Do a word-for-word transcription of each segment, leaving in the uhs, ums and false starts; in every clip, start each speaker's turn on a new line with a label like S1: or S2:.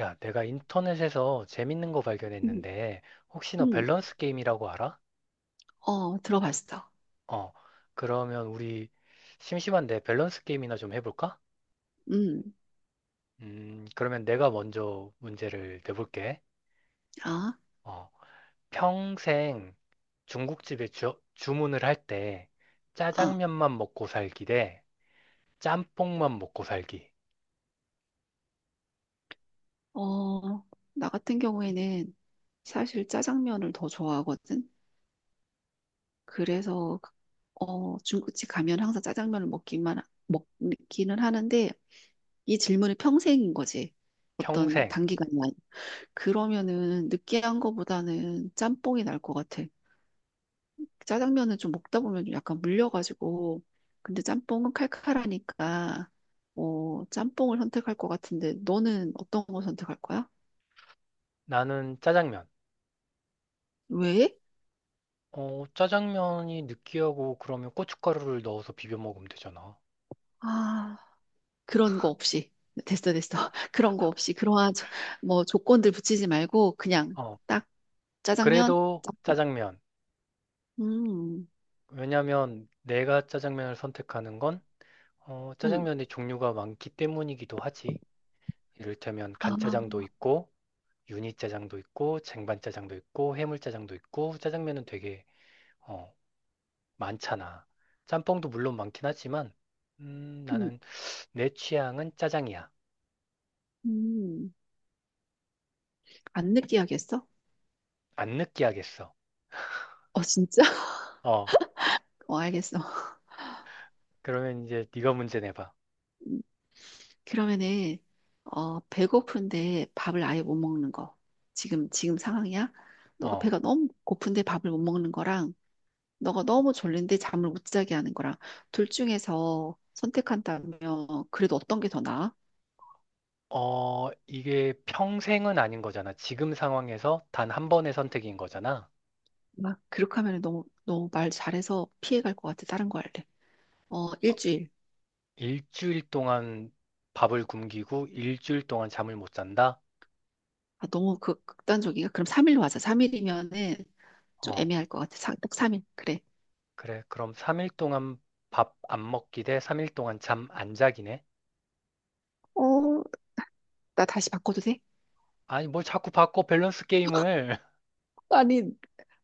S1: 야, 내가 인터넷에서 재밌는 거
S2: 음,
S1: 발견했는데, 혹시 너
S2: 음,
S1: 밸런스 게임이라고 알아?
S2: 어, 들어봤어.
S1: 어, 그러면 우리 심심한데 밸런스 게임이나 좀 해볼까?
S2: 음,
S1: 음, 그러면 내가 먼저 문제를 내볼게.
S2: 아,
S1: 어, 평생 중국집에 주, 주문을 할 때,
S2: 아,
S1: 짜장면만 먹고 살기 대 짬뽕만 먹고 살기.
S2: 어, 나 같은 경우에는 사실 짜장면을 더 좋아하거든. 그래서, 그, 어, 중국집 가면 항상 짜장면을 먹기만, 하- 먹기는 하는데, 이 질문이 평생인 거지. 어떤
S1: 평생.
S2: 단기간이 아니. 그러면은 느끼한 거보다는 짬뽕이 날 것 같아. 그 짜장면은 좀 먹다 보면 좀 약간 물려가지고 근데 짬뽕은 칼칼하니까 어, 짬뽕을 선택할 것 같은데 너는 어떤 거 선택할 거야?
S1: 나는 짜장면.
S2: 왜?
S1: 어, 짜장면이 느끼하고 그러면 고춧가루를 넣어서 비벼 먹으면 되잖아.
S2: 아, 그런 거 없이 됐어 됐어 그런 거 없이 그러한 저- 뭐 조건들 붙이지 말고 그냥
S1: 어,
S2: 딱 짜장면
S1: 그래도
S2: 짬뽕.
S1: 짜장면.
S2: 음,
S1: 왜냐면 내가 짜장면을 선택하는 건 어,
S2: 음,
S1: 짜장면의 종류가 많기 때문이기도 하지. 이를테면
S2: 아,
S1: 간짜장도 있고 유니짜장도 있고 쟁반짜장도 있고 해물짜장도 있고 짜장면은 되게 어, 많잖아. 짬뽕도 물론 많긴 하지만 음,
S2: 음,
S1: 나는 내 취향은 짜장이야.
S2: 음. 안 느끼하게 했어?
S1: 안 느끼하겠어.
S2: 어 진짜?
S1: 어,
S2: 어 알겠어.
S1: 그러면 이제 네가 문제 내봐.
S2: 음. 그러면은 어 배고픈데 밥을 아예 못 먹는 거 지금 지금 상황이야? 너가
S1: 어.
S2: 배가 너무 고픈데 밥을 못 먹는 거랑 너가 너무 졸린데 잠을 못 자게 하는 거랑 둘 중에서 선택한다면 그래도 어떤 게 더 나아?
S1: 어, 이게 평생은 아닌 거잖아. 지금 상황에서 단 한 번의 선택인 거잖아.
S2: 막 그렇게 하면 너무 너무 말 잘해서 피해갈 것 같아. 다른 거 할래. 어
S1: 어,
S2: 일주일.
S1: 일주일 동안 밥을 굶기고 일주일 동안 잠을 못 잔다?
S2: 아 너무 극, 극단적이야. 그럼 삼 일로 하자. 삼 일이면은 좀
S1: 어,
S2: 애매할 것 같아. 사- 딱 삼 일. 그래.
S1: 그래. 그럼 삼 일 동안 밥 안 먹기 대 삼 일 동안 잠 안 자기네?
S2: 어 나 다시 바꿔도 돼?
S1: 아니, 뭘 자꾸 바꿔, 밸런스 게임을.
S2: 아니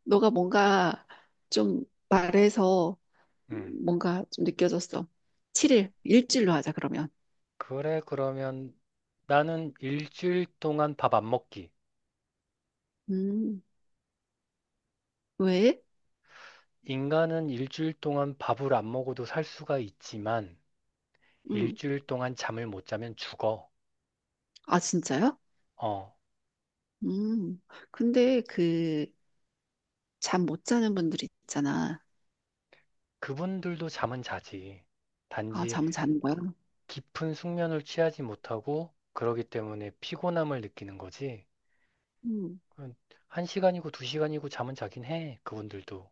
S2: 너가 뭔가 좀 말해서
S1: 음,
S2: 뭔가 좀 느껴졌어. 칠 일, 일주일로 하자, 그러면.
S1: 그래, 그러면 나는 일주일 동안 밥 안 먹기.
S2: 음, 왜?
S1: 인간은 일주일 동안 밥을 안 먹어도 살 수가 있지만,
S2: 음,
S1: 일주일 동안 잠을 못 자면 죽어.
S2: 아, 진짜요?
S1: 어,
S2: 음, 근데 그, 잠 못 자는 분들 있잖아.
S1: 그분들도 잠은 자지.
S2: 아,
S1: 단지
S2: 잠은 자는 거야?
S1: 깊은 숙면을 취하지 못하고 그러기 때문에 피곤함을 느끼는 거지.
S2: 음,
S1: 그건 한 시간이고 두 시간이고 잠은 자긴 해, 그분들도.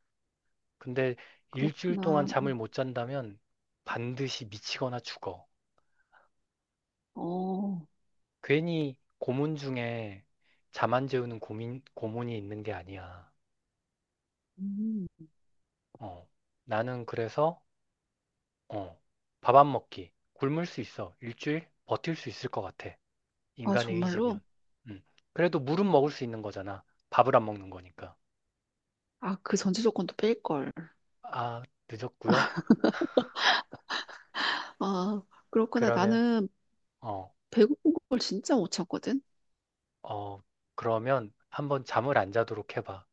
S1: 근데 일주일 동안
S2: 그렇구나.
S1: 잠을 못 잔다면 반드시 미치거나 죽어.
S2: 어,
S1: 괜히 고문 중에 잠 안 재우는 고민, 고문이 있는 게 아니야.
S2: 음,
S1: 어. 나는 그래서, 어. 밥 안 먹기. 굶을 수 있어. 일주일 버틸 수 있을 것 같아.
S2: 아,
S1: 인간의 의지면.
S2: 정말로?
S1: 음. 그래도 물은 먹을 수 있는 거잖아. 밥을 안 먹는 거니까.
S2: 아, 그 전제 조건도 뺄걸.
S1: 아, 늦었고요.
S2: 아, 그렇구나.
S1: 그러면
S2: 나는
S1: 어,
S2: 배고픈 걸 진짜 못 참거든?
S1: 어, 그러면 한번 잠을 안 자도록 해봐.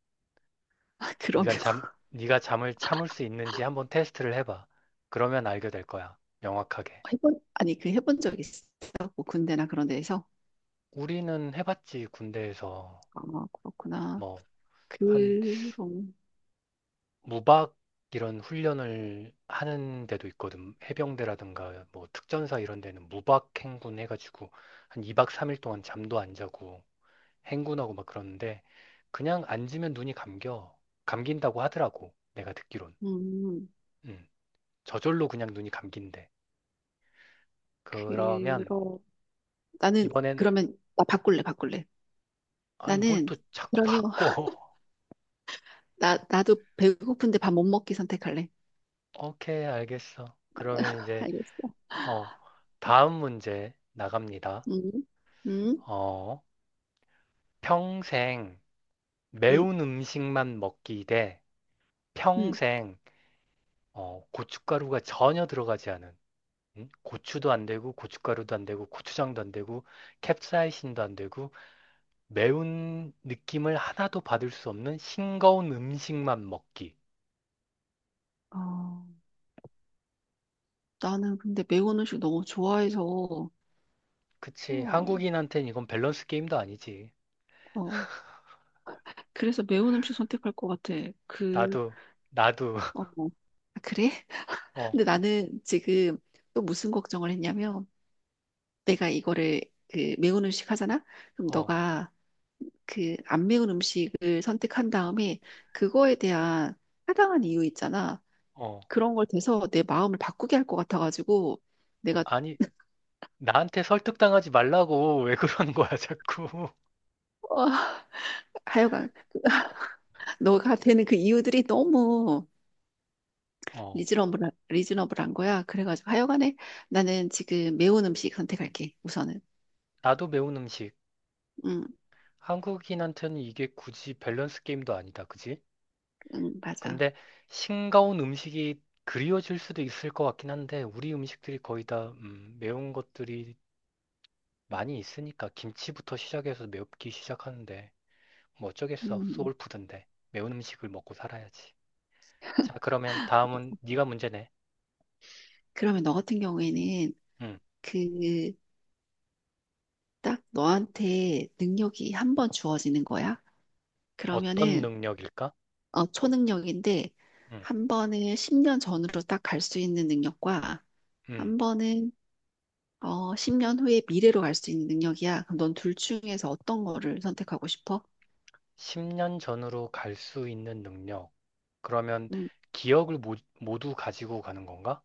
S1: 네가
S2: 그러면.
S1: 잠, 네가 잠을 참을 수 있는지 한번 테스트를 해봐. 그러면 알게 될 거야. 명확하게.
S2: 해본, 아니, 그 해본 적 있어? 뭐 군대나 그런 데에서?
S1: 우리는 해봤지, 군대에서.
S2: 아, 그렇구나.
S1: 뭐 한
S2: 그럼,
S1: 무박 이런 훈련을 하는 데도 있거든. 해병대라든가 뭐 특전사 이런 데는 무박 행군 해가지고 한 이 박 삼 일 동안 잠도 안 자고 행군하고 막 그러는데 그냥 앉으면 눈이 감겨. 감긴다고 하더라고. 내가 듣기론.
S2: 음,
S1: 음. 저절로 그냥 눈이 감긴대. 그러면
S2: 그러, 나는,
S1: 이번엔
S2: 그러면, 나 바꿀래, 바꿀래.
S1: 아니 뭘
S2: 나는,
S1: 또 자꾸
S2: 그러면,
S1: 바꿔.
S2: 나, 나도 배고픈데 밥 못 먹기 선택할래.
S1: 오케이, 알겠어. 그러면 이제
S2: 알겠어.
S1: 어 다음 문제 나갑니다.
S2: 음, 음,
S1: 어 평생
S2: 음,
S1: 매운 음식만 먹기 대
S2: 음.
S1: 평생 어 고춧가루가 전혀 들어가지 않은 음? 고추도 안 되고 고춧가루도 안 되고 고추장도 안 되고 캡사이신도 안 되고 매운 느낌을 하나도 받을 수 없는 싱거운 음식만 먹기.
S2: 어, 나는 근데 매운 음식 너무 좋아해서,
S1: 그치. 한
S2: 어,
S1: 국인한테는 이건 밸런스 게임도 아니지.
S2: 어, 그래서 매운 음식 선택할 것 같아. 그,
S1: 나도, 나도,
S2: 어, 어. 아, 그래?
S1: 어,
S2: 근데 나는 지금 또 무슨 걱정을 했냐면, 내가 이거를 그 매운 음식 하잖아? 그럼
S1: 어,
S2: 너가 그 안 매운 음식을 선택한 다음에 그거에 대한 타당한 이유 있잖아.
S1: 어.
S2: 그런 걸 대서 내 마음을 바꾸게 할 것 같아가지고 내가
S1: 아니, 나한테 설득당하지 말라고 왜 그러는 거야, 자꾸.
S2: 하여간 너가 되는 그 이유들이 너무
S1: 어,
S2: 리즈너블한, 리즈너블한 거야. 그래가지고 하여간에 나는 지금 매운 음식 선택할게. 우선은.
S1: 나도 매운 음식.
S2: 응,
S1: 한국인한테는 이게 굳이 밸런스 게임도 아니다, 그지?
S2: 응, 맞아.
S1: 근데 싱거운 음식이 그리워질 수도 있을 것 같긴 한데, 우리 음식들이 거의 다, 음, 매운 것들이 많이 있으니까 김치부터 시작해서 맵기 시작하는데 뭐 어쩌겠어.
S2: 음.
S1: 소울푸드인데 매운 음식을 먹고 살아야지. 자, 그러면 다음은 네가 문제네.
S2: 그러면 너 같은 경우에는
S1: 음,
S2: 그 딱 너한테 능력이 한 번 주어지는 거야.
S1: 어떤
S2: 그러면은
S1: 능력일까?
S2: 어, 초능력인데
S1: 음,
S2: 한 번은 십 년 전으로 딱 갈 수 있는 능력과
S1: 음,
S2: 한 번은 어, 십 년 후에 미래로 갈 수 있는 능력이야. 그럼 넌 둘 중에서 어떤 거를 선택하고 싶어?
S1: 십 년 전으로 갈 수 있는 능력. 그러면
S2: 음,
S1: 기억을 모, 모두 가지고 가는 건가?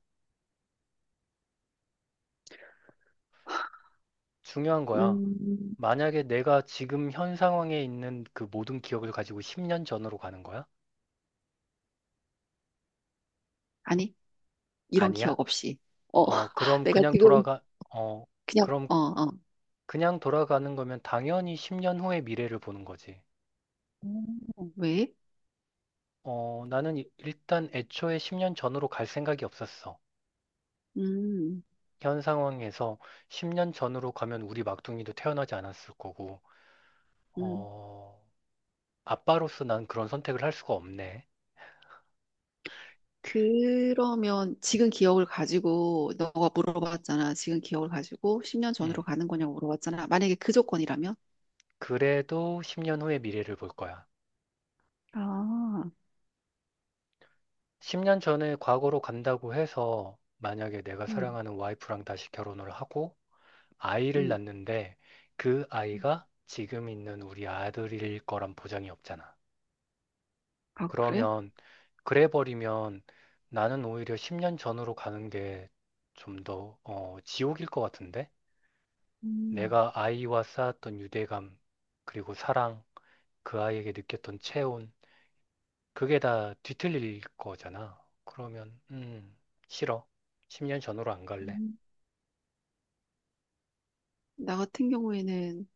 S1: 중요한 거야.
S2: 음,
S1: 만약에 내가 지금 현 상황에 있는 그 모든 기억을 가지고 십 년 전으로 가는 거야?
S2: 아니, 이런
S1: 아니야?
S2: 기억 없이. 어,
S1: 어, 그럼
S2: 내가
S1: 그냥
S2: 지금
S1: 돌아가, 어,
S2: 그냥
S1: 그럼
S2: 어, 어.
S1: 그냥 돌아가는 거면 당연히 십 년 후의 미래를 보는 거지.
S2: 음, 왜?
S1: 어, 나는 이- 일단 애초에 십 년 전으로 갈 생각이 없었어.
S2: 음,
S1: 현 상황에서 십 년 전으로 가면 우리 막둥이도 태어나지 않았을 거고,
S2: 음.
S1: 어, 아빠로서 난 그런 선택을 할 수가 없네.
S2: 그러면 지금 기억을 가지고 너가 물어봤잖아. 지금 기억을 가지고 십 년
S1: 음,
S2: 전으로 가는 거냐고 물어봤잖아. 만약에 그 조건이라면?
S1: 그래도 십 년 후의 미래를 볼 거야.
S2: 아,
S1: 십 년 전에 과거로 간다고 해서 만약에 내가
S2: 음,
S1: 사랑하는 와이프랑 다시 결혼을 하고, 아이를
S2: 음.
S1: 낳는데 그 아이가 지금 있는 우리 아들일 거란 보장이 없잖아.
S2: 아, 그래?
S1: 그러면 그래 버리면 나는 오히려 십 년 전으로 가는 게 좀 더, 어, 지옥일 것 같은데?
S2: 음.
S1: 내가 아이와 쌓았던 유대감, 그리고 사랑, 그 아이에게 느꼈던 체온, 그게 다 뒤틀릴 거잖아. 그러면, 음, 싫어. 십 년 전으로 안 갈래.
S2: 음. 나 같은 경우에는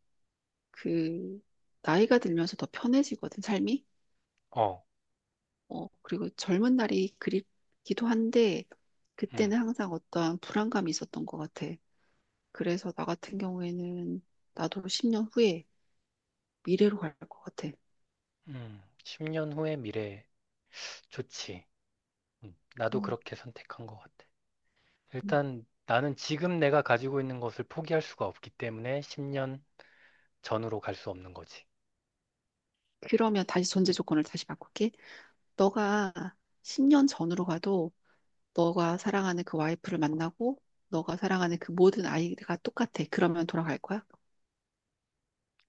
S2: 그 나이가 들면서 더 편해지거든, 삶이.
S1: 어,
S2: 어, 그리고 젊은 날이 그립기도 한데
S1: 음,
S2: 그때는 항상 어떠한 불안감이 있었던 것 같아. 그래서 나 같은 경우에는 나도 십 년 후에 미래로 갈 것 같아.
S1: 음, 십 년 후의 미래 좋지. 음, 나도
S2: 음.
S1: 그렇게 선택한 것 같아.
S2: 음.
S1: 일단 나는 지금 내가 가지고 있는 것을 포기할 수가 없기 때문에 십 년 전으로 갈 수 없는 거지.
S2: 그러면 다시 전제 조건을 다시 바꿀게. 너가 십 년 전으로 가도 너가 사랑하는 그 와이프를 만나고 너가 사랑하는 그 모든 아이가 똑같아. 그러면 돌아갈 거야?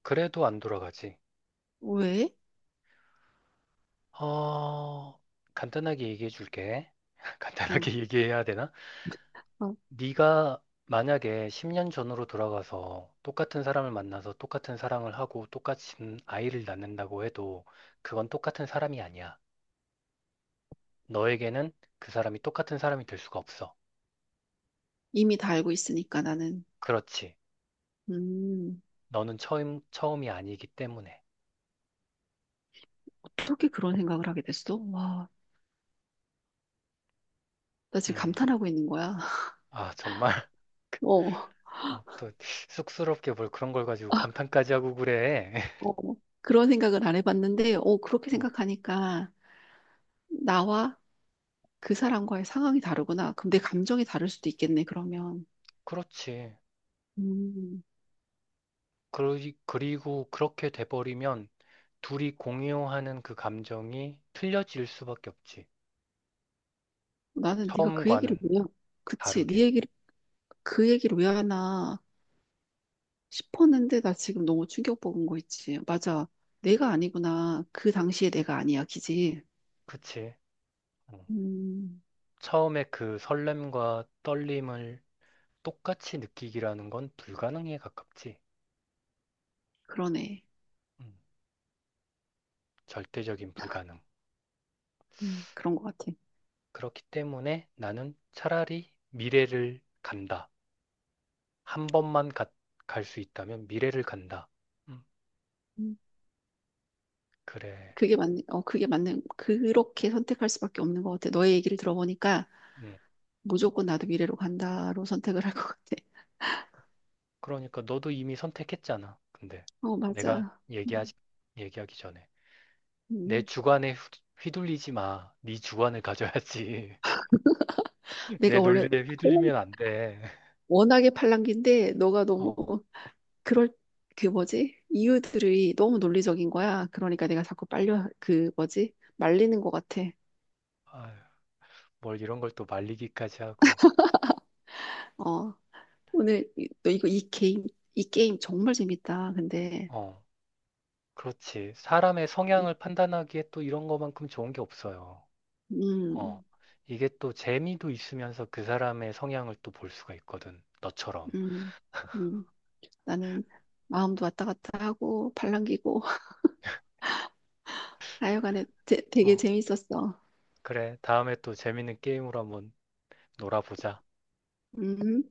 S1: 그래도 안 돌아가지.
S2: 왜?
S1: 어, 간단하게 얘기해 줄게.
S2: 음,
S1: 간단하게 얘기해야 되나?
S2: 어,
S1: 네가 만약에 십 년 전으로 돌아가서 똑같은 사람을 만나서 똑같은 사랑을 하고 똑같은 아이를 낳는다고 해도 그건 똑같은 사람이 아니야. 너에게는 그 사람이 똑같은 사람이 될 수가 없어.
S2: 이미 다 알고 있으니까 나는.
S1: 그렇지.
S2: 음,
S1: 너는 처음, 처음이 아니기 때문에.
S2: 어떻게 그런 생각을 하게 됐어? 와, 나 지금
S1: 음.
S2: 감탄하고 있는 거야.
S1: 아, 정말.
S2: 어,
S1: 어, 또 쑥스럽게 뭘 그런 걸 가지고 감탄까지 하고 그래.
S2: 어, 그런 생각을 안 해봤는데, 어, 그렇게
S1: 어,
S2: 생각하니까 나와 그 사람과의 상황이 다르구나. 그럼 내 감정이 다를 수도 있겠네, 그러면.
S1: 그렇지.
S2: 음.
S1: 그리, 그리고 그렇게 돼버리면 둘이 공유하는 그 감정이 틀려질 수밖에 없지.
S2: 나는 네가 그 얘기를
S1: 처음과는
S2: 왜, 그치, 네
S1: 다르게.
S2: 얘기를, 그 얘기를 왜 하나 싶었는데 나 지금 너무 충격받은 거 있지. 맞아. 내가 아니구나. 그 당시에 내가 아니야, 기지.
S1: 그치? 어.
S2: 음,
S1: 처음에 그 설렘과 떨림을 똑같이 느끼기라는 건 불가능에 가깝지.
S2: 그러네.
S1: 음, 절대적인 불가능.
S2: 음, 그런 것 같아.
S1: 그렇기 때문에 나는 차라리 미래를 간다. 한 번만 갈 수 있다면 미래를 간다. 음,
S2: 음,
S1: 그래.
S2: 그게 맞는, 어, 그게 맞는, 그렇게 선택할 수밖에 없는 것 같아. 너의 얘기를 들어보니까
S1: 음,
S2: 무조건 나도 미래로 간다로 선택을 할 것 같아.
S1: 그러니까 너도 이미 선택했잖아. 근데
S2: 어,
S1: 내가
S2: 맞아. 음,
S1: 얘기하지, 얘기하기 전에 내
S2: 음.
S1: 주관에 휘- 휘둘리지 마. 네 주관을 가져야지. 내
S2: 내가 원래
S1: 논리에
S2: 팔랑-
S1: 휘둘리면 안 돼.
S2: 워낙에 팔랑귀인데 너가
S1: 어,
S2: 너무 그럴 그 뭐지? 이유들이 너무 논리적인 거야. 그러니까 내가 자꾸 빨려 그 뭐지? 말리는 것 같아.
S1: 아뭘 이런 걸 또 말리기까지 하고.
S2: 어, 오늘 이- 너 이거 이 게임 이 게임 정말 재밌다. 근데
S1: 어, 그렇지. 사람의 성향을 판단하기에 또 이런 거만큼 좋은 게 없어요. 어,
S2: 음,
S1: 이게 또 재미도 있으면서 그 사람의 성향을 또 볼 수가 있거든. 너처럼.
S2: 음, 음, 나는 마음도 왔다 갔다 하고 팔랑귀고 하여간에 되, 되게
S1: 어,
S2: 재밌었어.
S1: 그래. 다음에 또 재밌는 게임으로 한번 놀아보자.
S2: 음.